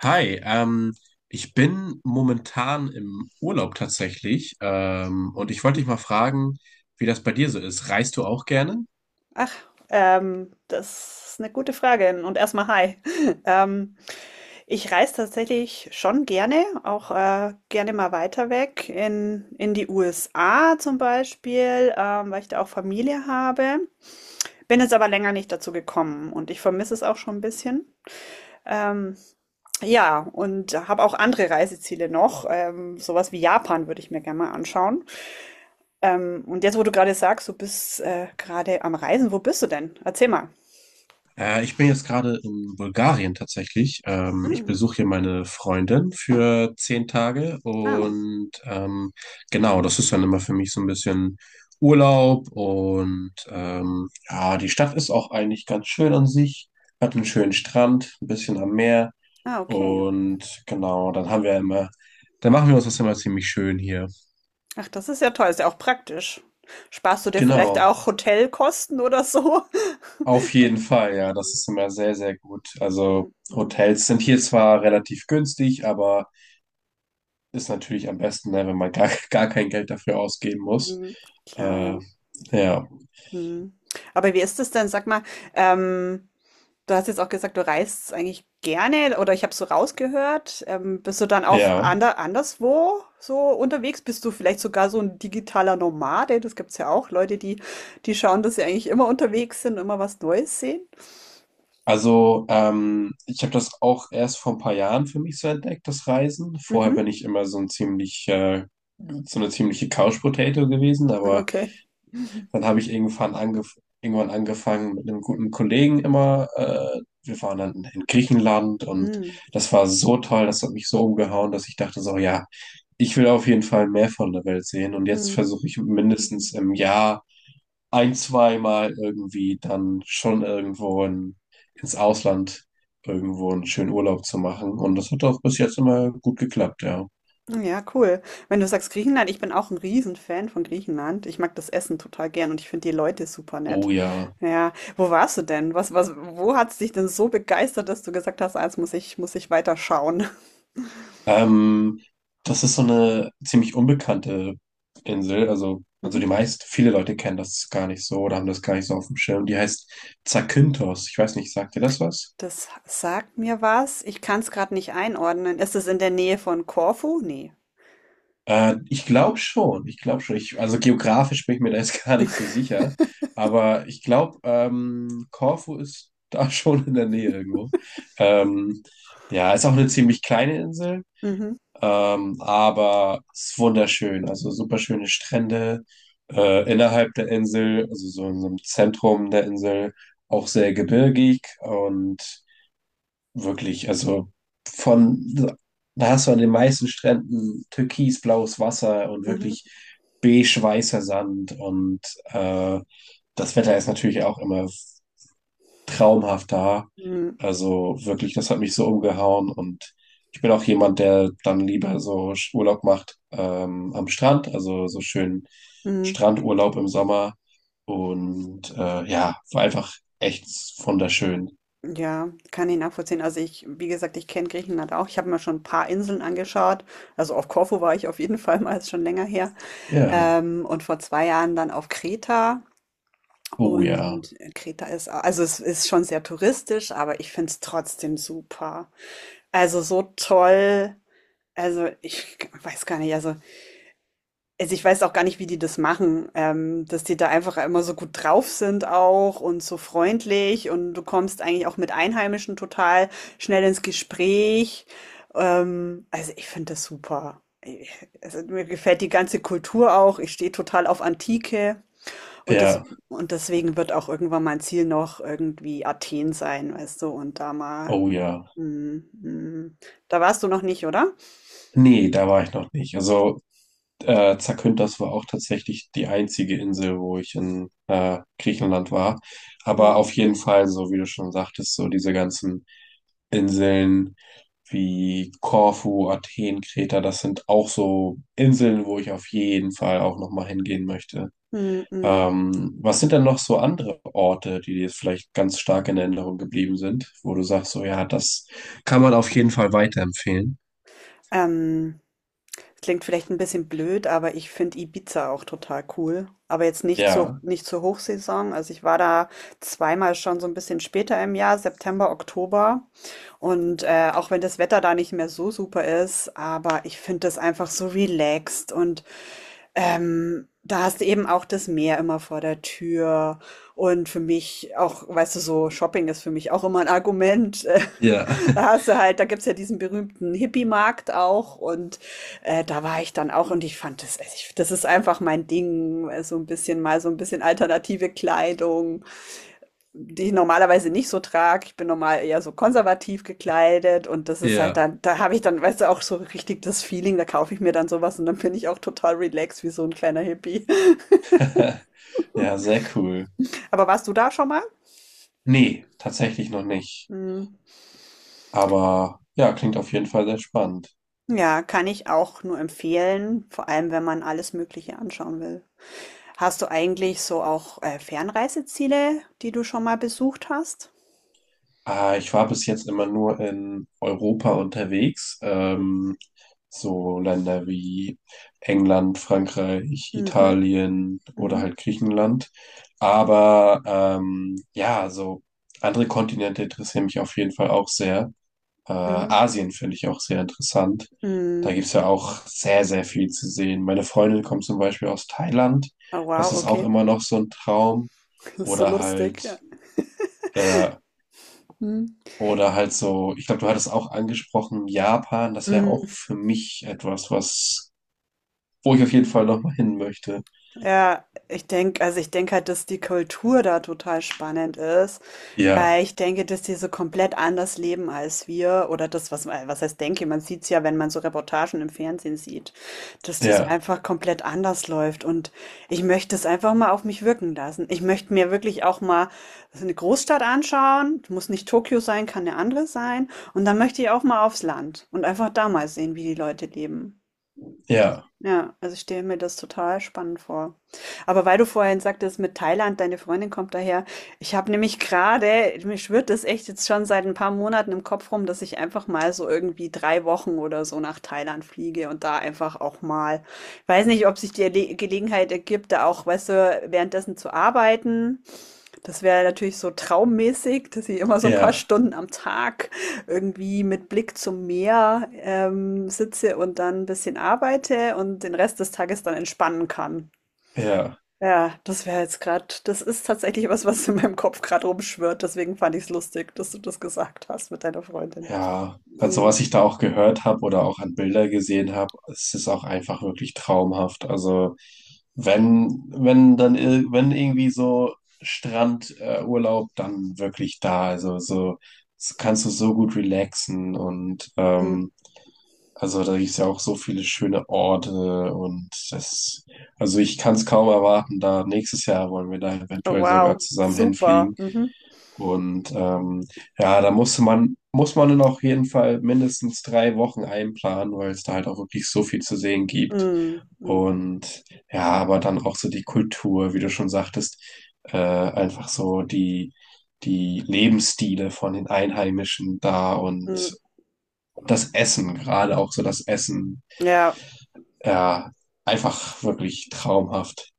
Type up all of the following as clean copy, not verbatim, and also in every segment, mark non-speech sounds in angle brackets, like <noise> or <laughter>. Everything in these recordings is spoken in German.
Hi, ich bin momentan im Urlaub tatsächlich, und ich wollte dich mal fragen, wie das bei dir so ist. Reist du auch gerne? Ach, das ist eine gute Frage. Und erstmal hi. <laughs> Ähm, Ich reise tatsächlich schon gerne, auch gerne mal weiter weg in die USA zum Beispiel, weil ich da auch Familie habe. Bin jetzt aber länger nicht dazu gekommen und ich vermisse es auch schon ein bisschen. Ähm, ja, und habe auch andere Reiseziele noch. Sowas wie Japan würde ich mir gerne mal anschauen. Und jetzt, wo du gerade sagst, du bist gerade am Reisen, wo bist du denn? Erzähl mal. Ich bin jetzt gerade in Bulgarien tatsächlich. Ich besuche hier meine Freundin für 10 Tage Ah. und genau, das ist dann immer für mich so ein bisschen Urlaub und ja, die Stadt ist auch eigentlich ganz schön an sich, hat einen Mhm. schönen Strand, ein bisschen am Meer. Ah, okay. Und genau, dann machen wir uns das immer ziemlich schön hier. Ach, das ist ja toll, ist ja auch praktisch. Sparst du dir vielleicht Genau, auch Hotelkosten oder so? <laughs> auf jeden Fall, ja, Mhm. das ist immer sehr, sehr gut. Also Mhm. Mhm. Hotels sind hier zwar relativ günstig, aber ist natürlich am besten, ne, wenn man gar, <laughs> gar kein Geld dafür ausgeben muss. Mhm. Klar, Äh, ja. ja, Mhm. Aber wie ist es denn? Sag mal, ähm, du hast jetzt auch gesagt, du reist eigentlich gerne oder ich habe so rausgehört. Bist du dann auch ja. Anderswo so unterwegs? Bist du vielleicht sogar so ein digitaler Nomade? Das gibt es ja auch, Leute, die, die schauen, dass sie eigentlich immer unterwegs sind, immer was Neues sehen. Also ich habe das auch erst vor ein paar Jahren für mich so entdeckt, das Reisen. Vorher Mhm. bin ich immer so eine ziemliche Couch Potato gewesen, aber Okay. dann habe ich irgendwann angefangen mit einem guten Kollegen immer. Wir waren dann in Griechenland und Mhm. das war so toll, das hat mich so umgehauen, dass ich dachte so, ja, ich will auf jeden Fall mehr von der Welt sehen. Und jetzt Mhm. versuche ich mindestens im Jahr ein, zweimal irgendwie dann schon ins Ausland irgendwo einen schönen Urlaub zu machen. Und das hat auch bis jetzt immer gut geklappt, ja. Ja, cool. Wenn du sagst Griechenland, ich bin auch ein Riesenfan von Griechenland. Ich mag das Essen total gern und ich finde die Leute super nett. Oh ja. Ja, wo warst du denn? Wo hat es dich denn so begeistert, dass du gesagt hast, als muss ich weiter schauen? <laughs> Ähm, Das ist so eine ziemlich unbekannte Insel. Also Mhm. die meisten, viele Leute kennen das gar nicht so oder haben das gar nicht so auf dem Schirm. Die heißt Zakynthos. Ich weiß nicht, sagt dir das was? Das sagt mir was. Ich kann es gerade nicht einordnen. Ist es in der Nähe von Korfu? Nee. Ich glaube schon. Ich glaube schon. Also geografisch bin ich mir da jetzt <laughs> gar nicht so sicher. Aber ich glaube, Korfu ist da <laughs> schon in der Nähe irgendwo. Ähm, ja, ist auch eine ziemlich kleine Insel. Mhm. Aber es ist wunderschön, also super schöne Strände innerhalb der Insel, also so in so einem Zentrum der Insel, auch sehr gebirgig und wirklich, von, da hast du an den meisten Stränden türkisblaues Wasser und Mhm. wirklich beige-weißer Sand und äh, das Wetter ist natürlich auch immer traumhaft da. Mhm. Also wirklich, das hat mich so umgehauen und ich bin auch jemand, der dann lieber so Urlaub macht am Strand, also so schön Mhm. Strandurlaub im Sommer und ja, war einfach echt wunderschön. Ja, kann ich nachvollziehen. Also ich, wie gesagt, ich kenne Griechenland auch. Ich habe mir schon ein paar Inseln angeschaut. Also auf Korfu war ich auf jeden <laughs> Fall mal, ist schon länger her. Ja, Und vor zwei Jahren dann auf Kreta. oh ja, Und Kreta ist, also es ist schon sehr touristisch, aber ich finde es trotzdem super. Also so toll. Also ich weiß gar nicht, ich weiß auch gar nicht, wie die das machen, dass die da einfach immer so gut drauf sind auch und so freundlich und du kommst eigentlich auch mit Einheimischen total schnell ins Gespräch. Also, ich finde das super. Also, mir gefällt die ganze Kultur auch. Ich stehe total auf Antike und das, ja, und deswegen wird auch irgendwann mein Ziel noch irgendwie Athen sein, weißt du, und da mal, oh ja. mm, mm. Da warst du noch nicht, oder? Nee, da war ich noch nicht. Also Zakynthos war auch tatsächlich die einzige Insel, wo ich in Griechenland war. Aber Hm, auf jeden Fall, so wie du schon sagtest, so diese ganzen Inseln wie Korfu, Athen, Kreta, das sind auch so Inseln, wo ich auf jeden Fall auch nochmal hingehen möchte. hm, hm. Was sind denn noch so andere Orte, die dir jetzt vielleicht ganz stark in Erinnerung geblieben sind, wo du sagst, so ja, das kann man auf jeden Fall weiterempfehlen? Ähm, Klingt vielleicht ein bisschen blöd, aber ich finde Ibiza auch total cool. Aber jetzt Ja, nicht zur Hochsaison. Also, ich war da zweimal schon so ein bisschen später im Jahr, September, Oktober. Und, auch wenn das Wetter da nicht mehr so super ist, aber ich finde das einfach so relaxed und da hast du eben auch das Meer immer vor der Tür. Und für mich auch, weißt du, so Shopping ist für mich auch immer ein Argument. <laughs> Ja, Da hast du halt, da gibt's ja diesen berühmten Hippie-Markt auch. Und da war ich dann auch und ich fand das, also ich, das ist einfach mein Ding. So ein bisschen alternative Kleidung die ich normalerweise nicht so trage. Ich bin normal eher so konservativ gekleidet und das <laughs> ist halt ja. dann, da habe ich dann, weißt du, auch so richtig das Feeling, da kaufe ich mir dann sowas und dann bin ich auch total relaxed wie so ein kleiner Hippie. <laughs> <laughs> Ja, sehr cool. Aber warst du da schon mal? Nee, tatsächlich noch nicht. Hm. Aber ja, klingt auf jeden Fall sehr spannend. Ja, kann ich auch nur empfehlen, vor allem wenn man alles Mögliche anschauen will. Hast du eigentlich so auch Fernreiseziele, die du schon mal besucht hast? Ah, ich war bis jetzt immer nur in Europa unterwegs, so Länder wie England, Frankreich, Mhm, Italien oder mhm, halt Griechenland. Aber ja, so andere Kontinente interessieren mich auf jeden Fall auch sehr. Mhm, Asien finde ich auch sehr interessant. Da mhm. gibt's ja auch sehr, sehr viel zu sehen. Meine Freundin kommt zum Beispiel aus Thailand. Oh wow, Das ist auch okay. immer noch so ein Traum. <laughs> Das ist so Oder lustig. Ja. halt äh, Mhm. oder halt so, ich glaube, du hattest auch angesprochen, Japan, das wäre auch Mhm. für mich etwas, wo ich auf jeden Fall nochmal hin möchte. Ja, ich denke, also ich denke halt, dass die Kultur da total spannend ist, Ja, weil ich denke, dass die so komplett anders leben als wir oder das, was heißt denke, man sieht es ja, wenn man so Reportagen im Fernsehen sieht, dass das ja, einfach komplett anders läuft und ich möchte es einfach mal auf mich wirken lassen. Ich möchte mir wirklich auch mal so eine Großstadt anschauen, muss nicht Tokio sein, kann eine andere sein und dann möchte ich auch mal aufs Land und einfach da mal sehen, wie die Leute leben. ja, Ja, also ich stelle mir das total spannend vor. Aber weil du vorhin sagtest, mit Thailand, deine Freundin kommt daher. Ich habe nämlich gerade, mir schwirrt das echt jetzt schon seit ein paar Monaten im Kopf rum, dass ich einfach mal so irgendwie drei Wochen oder so nach Thailand fliege und da einfach auch mal, weiß nicht, ob sich die Gelegenheit ergibt, da auch, weißt du, währenddessen zu arbeiten. Das wäre natürlich so traummäßig, dass ich immer so ein paar ja, Stunden am Tag irgendwie mit Blick zum Meer, sitze und dann ein bisschen arbeite und den Rest des Tages dann entspannen kann. ja, Ja, das wäre jetzt gerade. Das ist tatsächlich was, was in meinem Kopf gerade rumschwirrt, deswegen fand ich es lustig, dass du das gesagt hast mit deiner Freundin. ja. Also Mhm, was ich da auch gehört habe oder auch an Bilder gesehen habe, es ist auch einfach wirklich traumhaft. Also wenn dann, wenn irgendwie so Urlaub, dann wirklich da. Also so, so kannst du so gut relaxen mhm. Also da gibt es ja auch so viele schöne Orte und das, also ich kann es kaum erwarten, da nächstes Jahr wollen wir da Oh eventuell wow, sogar zusammen super. hinfliegen. Mhm. Und ja, muss man dann auf jeden Fall mindestens 3 Wochen einplanen, weil es da halt auch wirklich so viel zu sehen gibt. Mhm, mhm, Und ja, aber dann auch so die Kultur, wie du schon sagtest, einfach so die Lebensstile von den Einheimischen da und mhm. das Essen, gerade auch so das Essen. Ja, Ja, einfach wirklich traumhaft.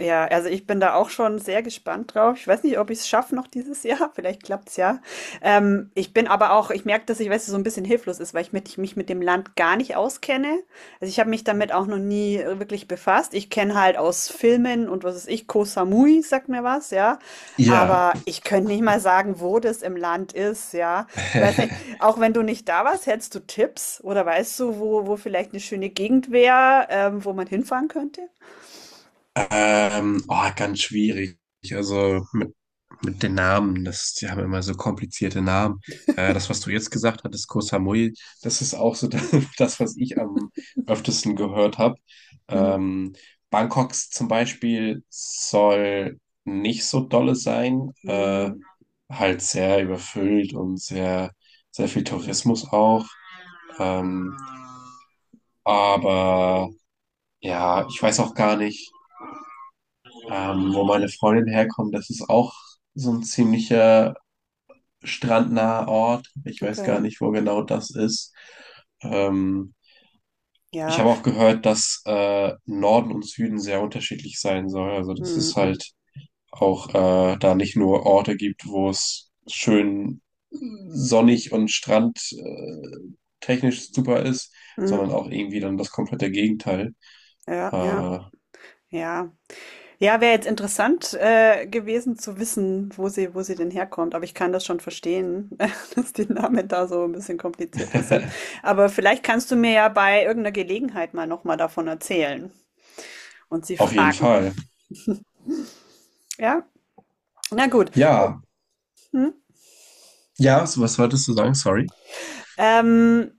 ja, also ich bin da auch schon sehr gespannt drauf. Ich weiß nicht, ob ich es schaffe noch dieses Jahr. <laughs> Vielleicht klappt es ja. Ich bin aber auch, ich merke, dass ich, weißt du, so ein bisschen hilflos ist, weil ich, mit, ich mich mit dem Land gar nicht auskenne. Also ich habe mich damit auch noch nie wirklich befasst. Ich kenne halt aus Filmen und was weiß ich, Koh Samui sagt mir was, ja. Ja, Aber ich könnte nicht mal sagen, wo das im Land ist, ja. Ich weiß nicht, <laughs> auch wenn du nicht da warst, hättest du Tipps oder weißt du, wo vielleicht eine schöne Gegend wäre, wo man hinfahren könnte? Oh, ganz schwierig. Also mit den Namen, das, die haben immer so komplizierte Namen. Das, was du jetzt gesagt hattest, Koh Samui, das ist auch so <laughs> das, was ich am öftesten gehört habe. Mhm. Ähm, Bangkoks zum Beispiel soll nicht so dolle sein, Mhm. halt sehr überfüllt und sehr, sehr viel Tourismus auch. Ähm, Aber ja, ich weiß auch gar nicht, wo meine Freundin herkommt. Das ist auch so ein ziemlicher strandnaher Ort. Ich weiß gar Okay, nicht, wo genau das ist. Ähm, Ich ja. habe auch gehört, dass Norden und Süden sehr unterschiedlich sein soll. Also, dass Mhm. es Mhm. halt auch da nicht nur Orte gibt, wo es schön sonnig und strand technisch super ist, Mhm. sondern auch irgendwie dann das komplette Gegenteil. Ja, ja, Äh, ja. Ja, wäre jetzt interessant gewesen zu wissen, wo sie denn herkommt. Aber ich kann das schon verstehen, <laughs> dass die Namen da so ein bisschen komplizierter sind. <laughs> Aber vielleicht kannst du mir ja bei irgendeiner Gelegenheit mal nochmal davon erzählen und sie Auf jeden fragen. Fall. Ja, na gut. Ja, Hm? ja, so was wolltest du sagen? Sorry. Ähm,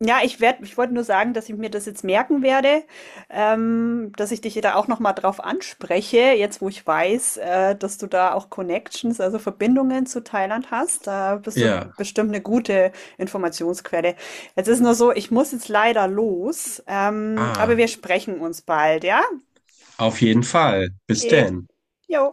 Ich wollte nur sagen, dass ich mir das jetzt merken werde, dass ich dich da auch noch mal drauf anspreche, jetzt wo ich weiß, dass du da auch Connections, also Verbindungen zu Thailand hast. Da bist du Ja. bestimmt eine gute Informationsquelle. Jetzt ist nur so, ich muss jetzt leider los, aber Ah, wir sprechen uns bald, ja? auf jeden Fall. Bis Okay, denn. jo.